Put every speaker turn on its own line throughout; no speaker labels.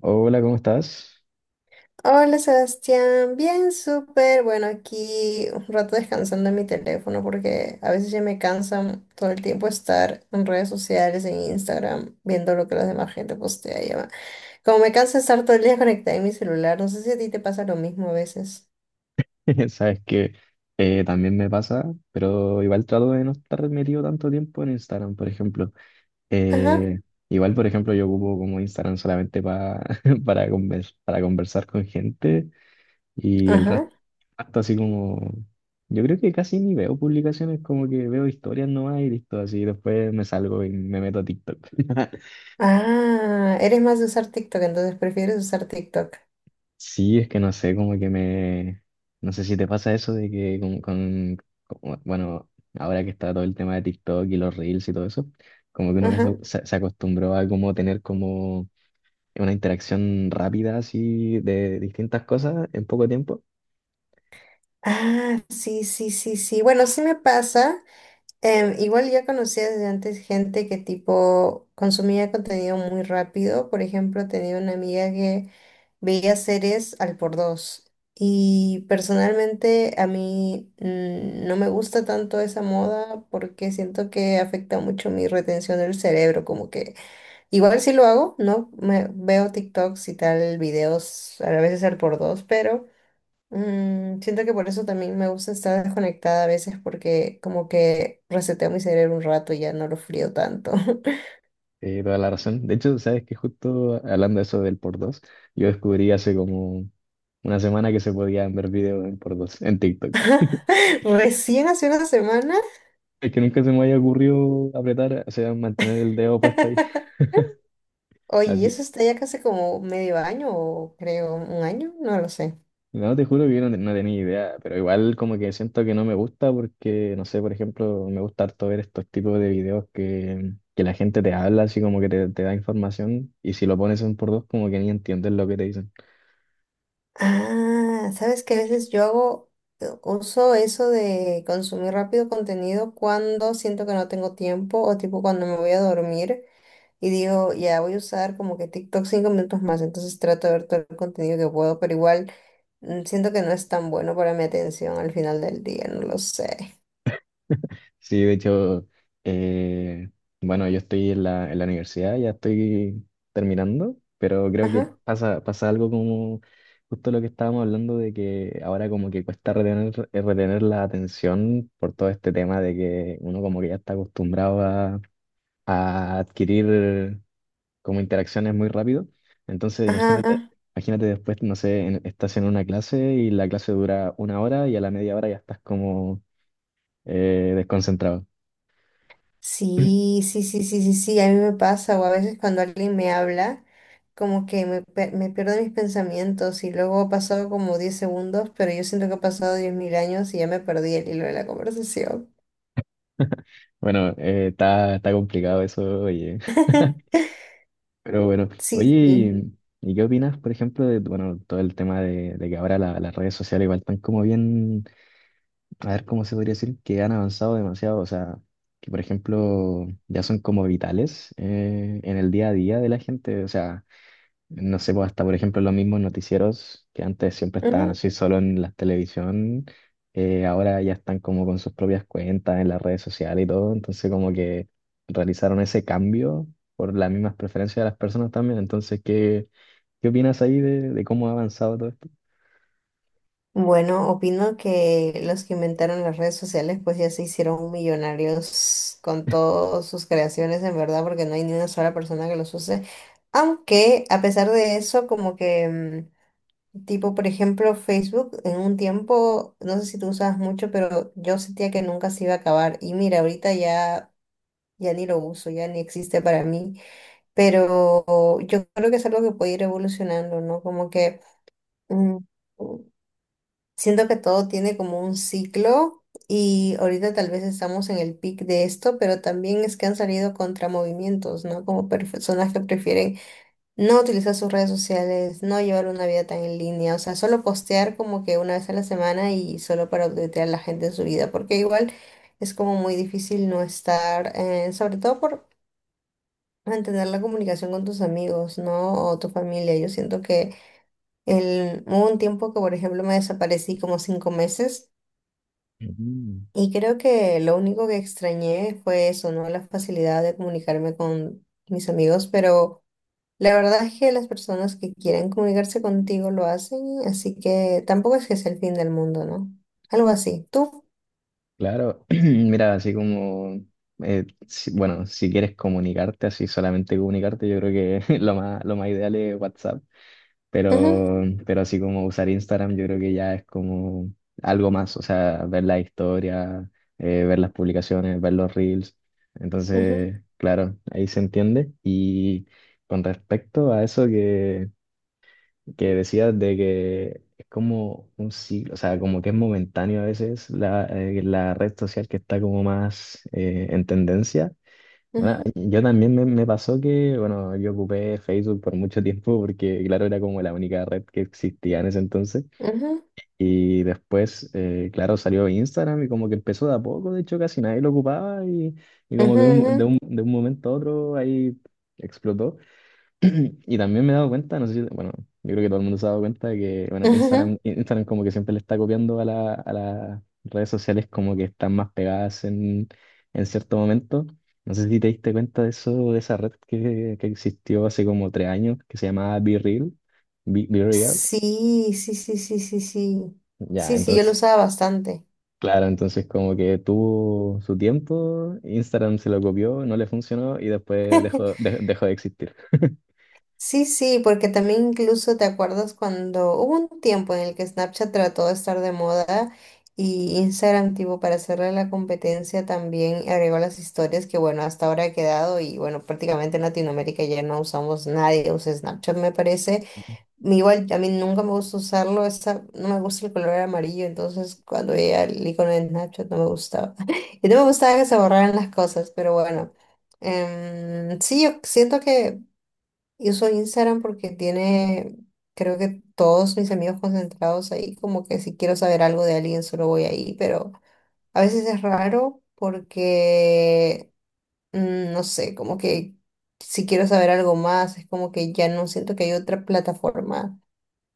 Hola, ¿cómo estás?
Hola Sebastián, bien, súper. Bueno, aquí un rato descansando en mi teléfono porque a veces ya me cansan todo el tiempo estar en redes sociales, en Instagram, viendo lo que la demás gente postea. Como me cansa estar todo el día conectada en mi celular, no sé si a ti te pasa lo mismo a veces.
Sabes que también me pasa, pero igual trato de no estar metido tanto tiempo en Instagram, por ejemplo.
Ajá,
Eh, Igual, por ejemplo, yo ocupo como Instagram solamente para, para conversar con gente y el resto,
ajá.
hasta así como, yo creo que casi ni veo publicaciones, como que veo historias nomás y listo, así después me salgo y me meto a TikTok.
Ah, eres más de usar TikTok, entonces prefieres usar TikTok.
Sí, es que no sé, como que me... No sé si te pasa eso de que Bueno, ahora que está todo el tema de TikTok y los reels y todo eso, como que uno que se,
Ajá.
se- se acostumbró a como tener como una interacción rápida así de distintas cosas en poco tiempo.
Ah, sí, sí, sí, sí. Bueno, sí me pasa. Igual ya conocía desde antes gente que tipo consumía contenido muy rápido. Por ejemplo, tenía una amiga que veía series al por dos. Y personalmente a mí no me gusta tanto esa moda porque siento que afecta mucho mi retención del cerebro. Como que igual sí lo hago, ¿no? Me, veo TikToks y tal, videos a veces al por dos, pero... Siento que por eso también me gusta estar desconectada a veces porque como que reseteo mi cerebro un rato y ya no lo frío tanto.
Toda la razón. De hecho, sabes que justo hablando de eso del por dos, yo descubrí hace como una semana que se podían ver videos en por dos en TikTok.
Recién hace una semana.
Es que nunca se me había ocurrido apretar, o sea, mantener el dedo puesto ahí.
Oye,
Así.
eso está ya casi como medio año o creo un año, no lo sé.
No, te juro que yo no tenía idea, pero igual como que siento que no me gusta porque, no sé, por ejemplo, me gusta harto ver estos tipos de videos que la gente te habla, así como que te da información y si lo pones en por dos como que ni entiendes lo que te dicen.
Ah, sabes que a veces yo hago, uso eso de consumir rápido contenido cuando siento que no tengo tiempo o tipo cuando me voy a dormir. Y digo, ya voy a usar como que TikTok 5 minutos más, entonces trato de ver todo el contenido que puedo, pero igual siento que no es tan bueno para mi atención al final del día, no lo sé.
Sí, de hecho, eh, bueno, yo estoy en la universidad, ya estoy terminando, pero creo que
Ajá,
pasa algo como justo lo que estábamos hablando de que ahora como que cuesta retener, retener la atención por todo este tema de que uno como que ya está acostumbrado a adquirir como interacciones muy rápido. Entonces,
ajá,
imagínate,
ajá.
imagínate después, no sé, estás en una clase y la clase dura una hora y a la media hora ya estás como desconcentrado.
Sí, sí, sí, sí, sí, sí, a mí me pasa, o a veces cuando alguien me habla, como que me, me pierdo mis pensamientos y luego ha pasado como 10 segundos, pero yo siento que ha pasado 10.000 años y ya me perdí el hilo de la conversación.
Bueno, está complicado eso, oye. Pero bueno, oye,
Sí, sí.
¿y qué opinas, por ejemplo, de bueno, todo el tema de que ahora las redes sociales igual están como bien, a ver cómo se podría decir, que han avanzado demasiado? O sea, que por ejemplo ya son como vitales en el día a día de la gente. O sea, no sé, pues hasta por ejemplo los mismos noticieros que antes siempre estaban así solo en la televisión, ahora ya están como con sus propias cuentas en las redes sociales y todo, entonces como que realizaron ese cambio por las mismas preferencias de las personas también, entonces ¿qué, qué opinas ahí de cómo ha avanzado todo esto?
Bueno, opino que los que inventaron las redes sociales pues ya se hicieron millonarios con todas sus creaciones en verdad porque no hay ni una sola persona que los use. Aunque a pesar de eso como que tipo por ejemplo Facebook en un tiempo no sé si tú usabas mucho, pero yo sentía que nunca se iba a acabar y mira ahorita ya ni lo uso, ya ni existe para mí, pero yo creo que es algo que puede ir evolucionando, ¿no? Como que mm, Siento que todo tiene como un ciclo y ahorita tal vez estamos en el pic de esto, pero también es que han salido contramovimientos, ¿no? Como personas que prefieren no utilizar sus redes sociales, no llevar una vida tan en línea, o sea, solo postear como que una vez a la semana y solo para updatear a la gente en su vida, porque igual es como muy difícil no estar, sobre todo por mantener la comunicación con tus amigos, ¿no? O tu familia. Yo siento que el, hubo un tiempo que, por ejemplo, me desaparecí como 5 meses.
Ujú.
Y creo que lo único que extrañé fue eso, ¿no? La facilidad de comunicarme con mis amigos, pero la verdad es que las personas que quieren comunicarse contigo lo hacen, así que tampoco es que sea el fin del mundo, ¿no? Algo así. ¿Tú?
Claro, mira, así como, bueno, si quieres comunicarte, así solamente comunicarte, yo creo que lo más ideal es WhatsApp.
Ujú,
Pero, pero así como usar Instagram, yo creo que ya es como algo más, o sea, ver la historia, ver las publicaciones, ver los reels.
ujú,
Entonces, claro, ahí se entiende. Y con respecto a eso que decías de que es como un ciclo, o sea, como que es momentáneo a veces la, la red social que está como más en tendencia. Bueno,
ujú,
yo también me pasó que, bueno, yo ocupé Facebook por mucho tiempo porque, claro, era como la única red que existía en ese entonces.
ujú,
Y después, claro, salió Instagram y como que empezó de a poco, de hecho, casi nadie lo ocupaba y como que de un,
ujú,
de un momento a otro ahí explotó. Y también me he dado cuenta, no sé si, bueno, yo creo que todo el mundo se ha dado cuenta de que, bueno,
ujú, ujú.
Instagram como que siempre le está copiando a la, a las redes sociales como que están más pegadas en cierto momento. No sé si te diste cuenta de eso, de esa red que existió hace como tres años, que se llamaba Be Reals.
Sí, sí, sí, sí, sí, sí.
Ya,
Sí, sí, yo lo
entonces,
usaba bastante.
claro, entonces como que tuvo su tiempo, Instagram se lo copió, no le funcionó y después dejó, de- dejó de existir.
Sí, sí, porque también incluso te acuerdas cuando hubo un tiempo en el que Snapchat trató de estar de moda y Instagram, tipo, para hacerle la competencia también agregó las historias que, bueno, hasta ahora ha quedado y, bueno, prácticamente en Latinoamérica ya no usamos, nadie usa Snapchat, me parece. Igual, a mí nunca me gusta usarlo, esa, no me gusta el color amarillo, entonces cuando veía el icono de Snapchat no me gustaba. Y no me gustaba que se borraran las cosas, pero bueno. Sí, yo siento que yo uso Instagram porque tiene, creo que todos mis amigos concentrados ahí, como que si quiero saber algo de alguien solo voy ahí, pero a veces es raro porque, no sé, como que si quiero saber algo más, es como que ya no siento que hay otra plataforma.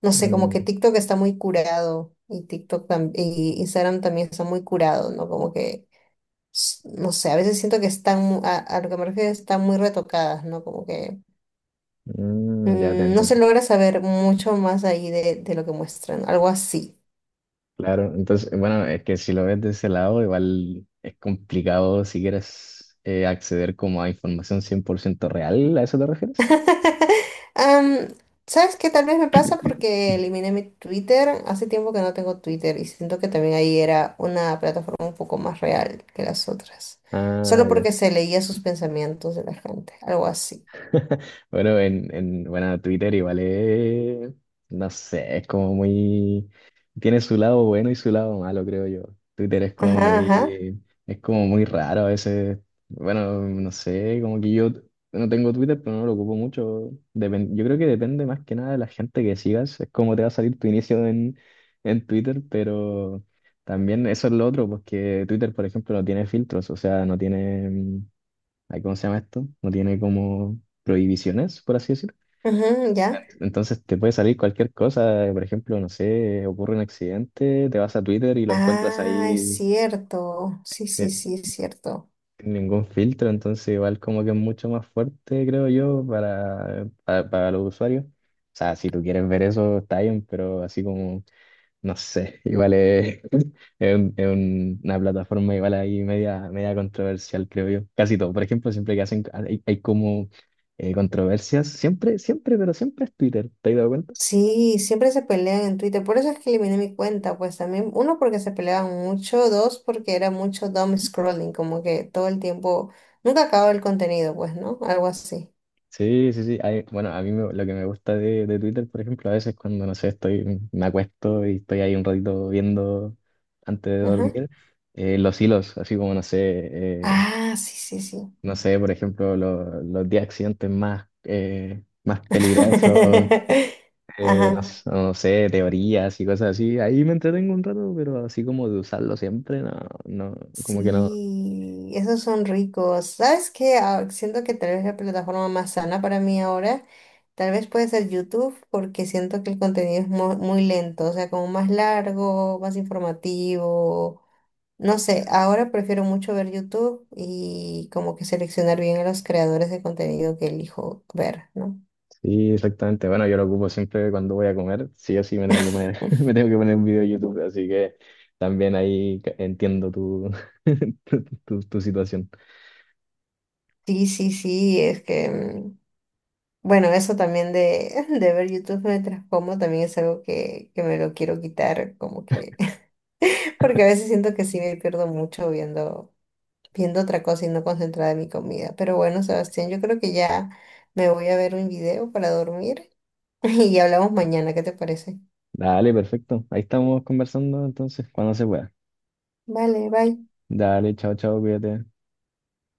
No sé, como
Mm,
que TikTok está muy curado y y Instagram también está muy curado, ¿no? Como que, no sé, a veces siento que están, a lo que me refiero, están muy retocadas, ¿no? Como que...
ya te
No se
entiendo.
logra saber mucho más ahí de lo que muestran, algo así.
Claro, entonces, bueno, es que si lo ves de ese lado, igual es complicado si quieres acceder como a información 100% real, ¿a eso te refieres?
Am, ¿sabes qué? Tal vez me pasa porque eliminé mi Twitter. Hace tiempo que no tengo Twitter y siento que también ahí era una plataforma un poco más real que las otras. Solo
Ah,
porque se leía sus pensamientos de la gente, algo así.
Bueno, en bueno, Twitter igual es, no sé, es como muy, tiene su lado bueno y su lado malo, creo yo. Twitter
Ajá, ajá.
es como muy raro a veces. Bueno, no sé, como que yo no tengo Twitter, pero no lo ocupo mucho. Yo creo que depende más que nada de la gente que sigas, es como te va a salir tu inicio en Twitter, pero también eso es lo otro, porque Twitter, por ejemplo, no tiene filtros, o sea, no tiene... ay, ¿cómo se llama esto? No tiene como prohibiciones, por así decir.
Ujú, ya.
Entonces te puede salir cualquier cosa, por ejemplo, no sé, ocurre un accidente, te vas a Twitter y lo encuentras
Ah, es
ahí
cierto. Sí, sí,
eh,
sí, es cierto.
sin ningún filtro, entonces igual como que es mucho más fuerte, creo yo, para los usuarios. O sea, si tú quieres ver eso, está bien, pero así como No sé, igual es, una plataforma igual ahí media controversial, creo yo. Casi todo. Por ejemplo, siempre que hacen, hay como controversias, siempre, siempre, pero siempre es Twitter, ¿te has dado cuenta?
Sí, siempre se pelean en Twitter. Por eso es que eliminé mi cuenta, pues también, uno, porque se peleaban mucho, dos, porque era mucho dumb scrolling, como que todo el tiempo, nunca acababa el contenido, pues, ¿no? Algo así.
Sí, sí, sí. Bueno, a mí lo que me gusta de Twitter, por ejemplo, a veces cuando, no sé, estoy, me acuesto y estoy ahí un ratito viendo antes de
Ajá.
dormir, los hilos, así como, no sé,
Ah, sí, sí, sí.
no sé, por ejemplo, los 10 accidentes más, más Sí. peligrosos no,
Ajá.
no sé, teorías y cosas así. Ahí me entretengo un rato, pero así como de usarlo siempre, no, no, como que no.
Sí, esos son ricos. ¿Sabes qué? Ah, siento que tal vez la plataforma más sana para mí ahora, tal vez puede ser YouTube, porque siento que el contenido es muy lento, o sea, como más largo, más informativo. No sé, ahora prefiero mucho ver YouTube y como que seleccionar bien a los creadores de contenido que elijo ver, ¿no?
Sí, exactamente. Bueno, yo lo ocupo siempre cuando voy a comer. Sí o sí me tengo que poner, me tengo que poner un video de YouTube, así que también ahí entiendo tu, tu situación.
Sí, sí, sí, es que, bueno, eso también de, de ver YouTube mientras como también es algo que me lo quiero quitar, como que, porque a veces siento que sí me pierdo mucho viendo, viendo otra cosa y no concentrada en mi comida. Pero bueno, Sebastián, yo creo que ya me voy a ver un video para dormir y hablamos mañana, ¿qué te parece?
Dale, perfecto. Ahí estamos conversando entonces, cuando se pueda.
Vale, bye.
Dale, chao, chao, cuídate.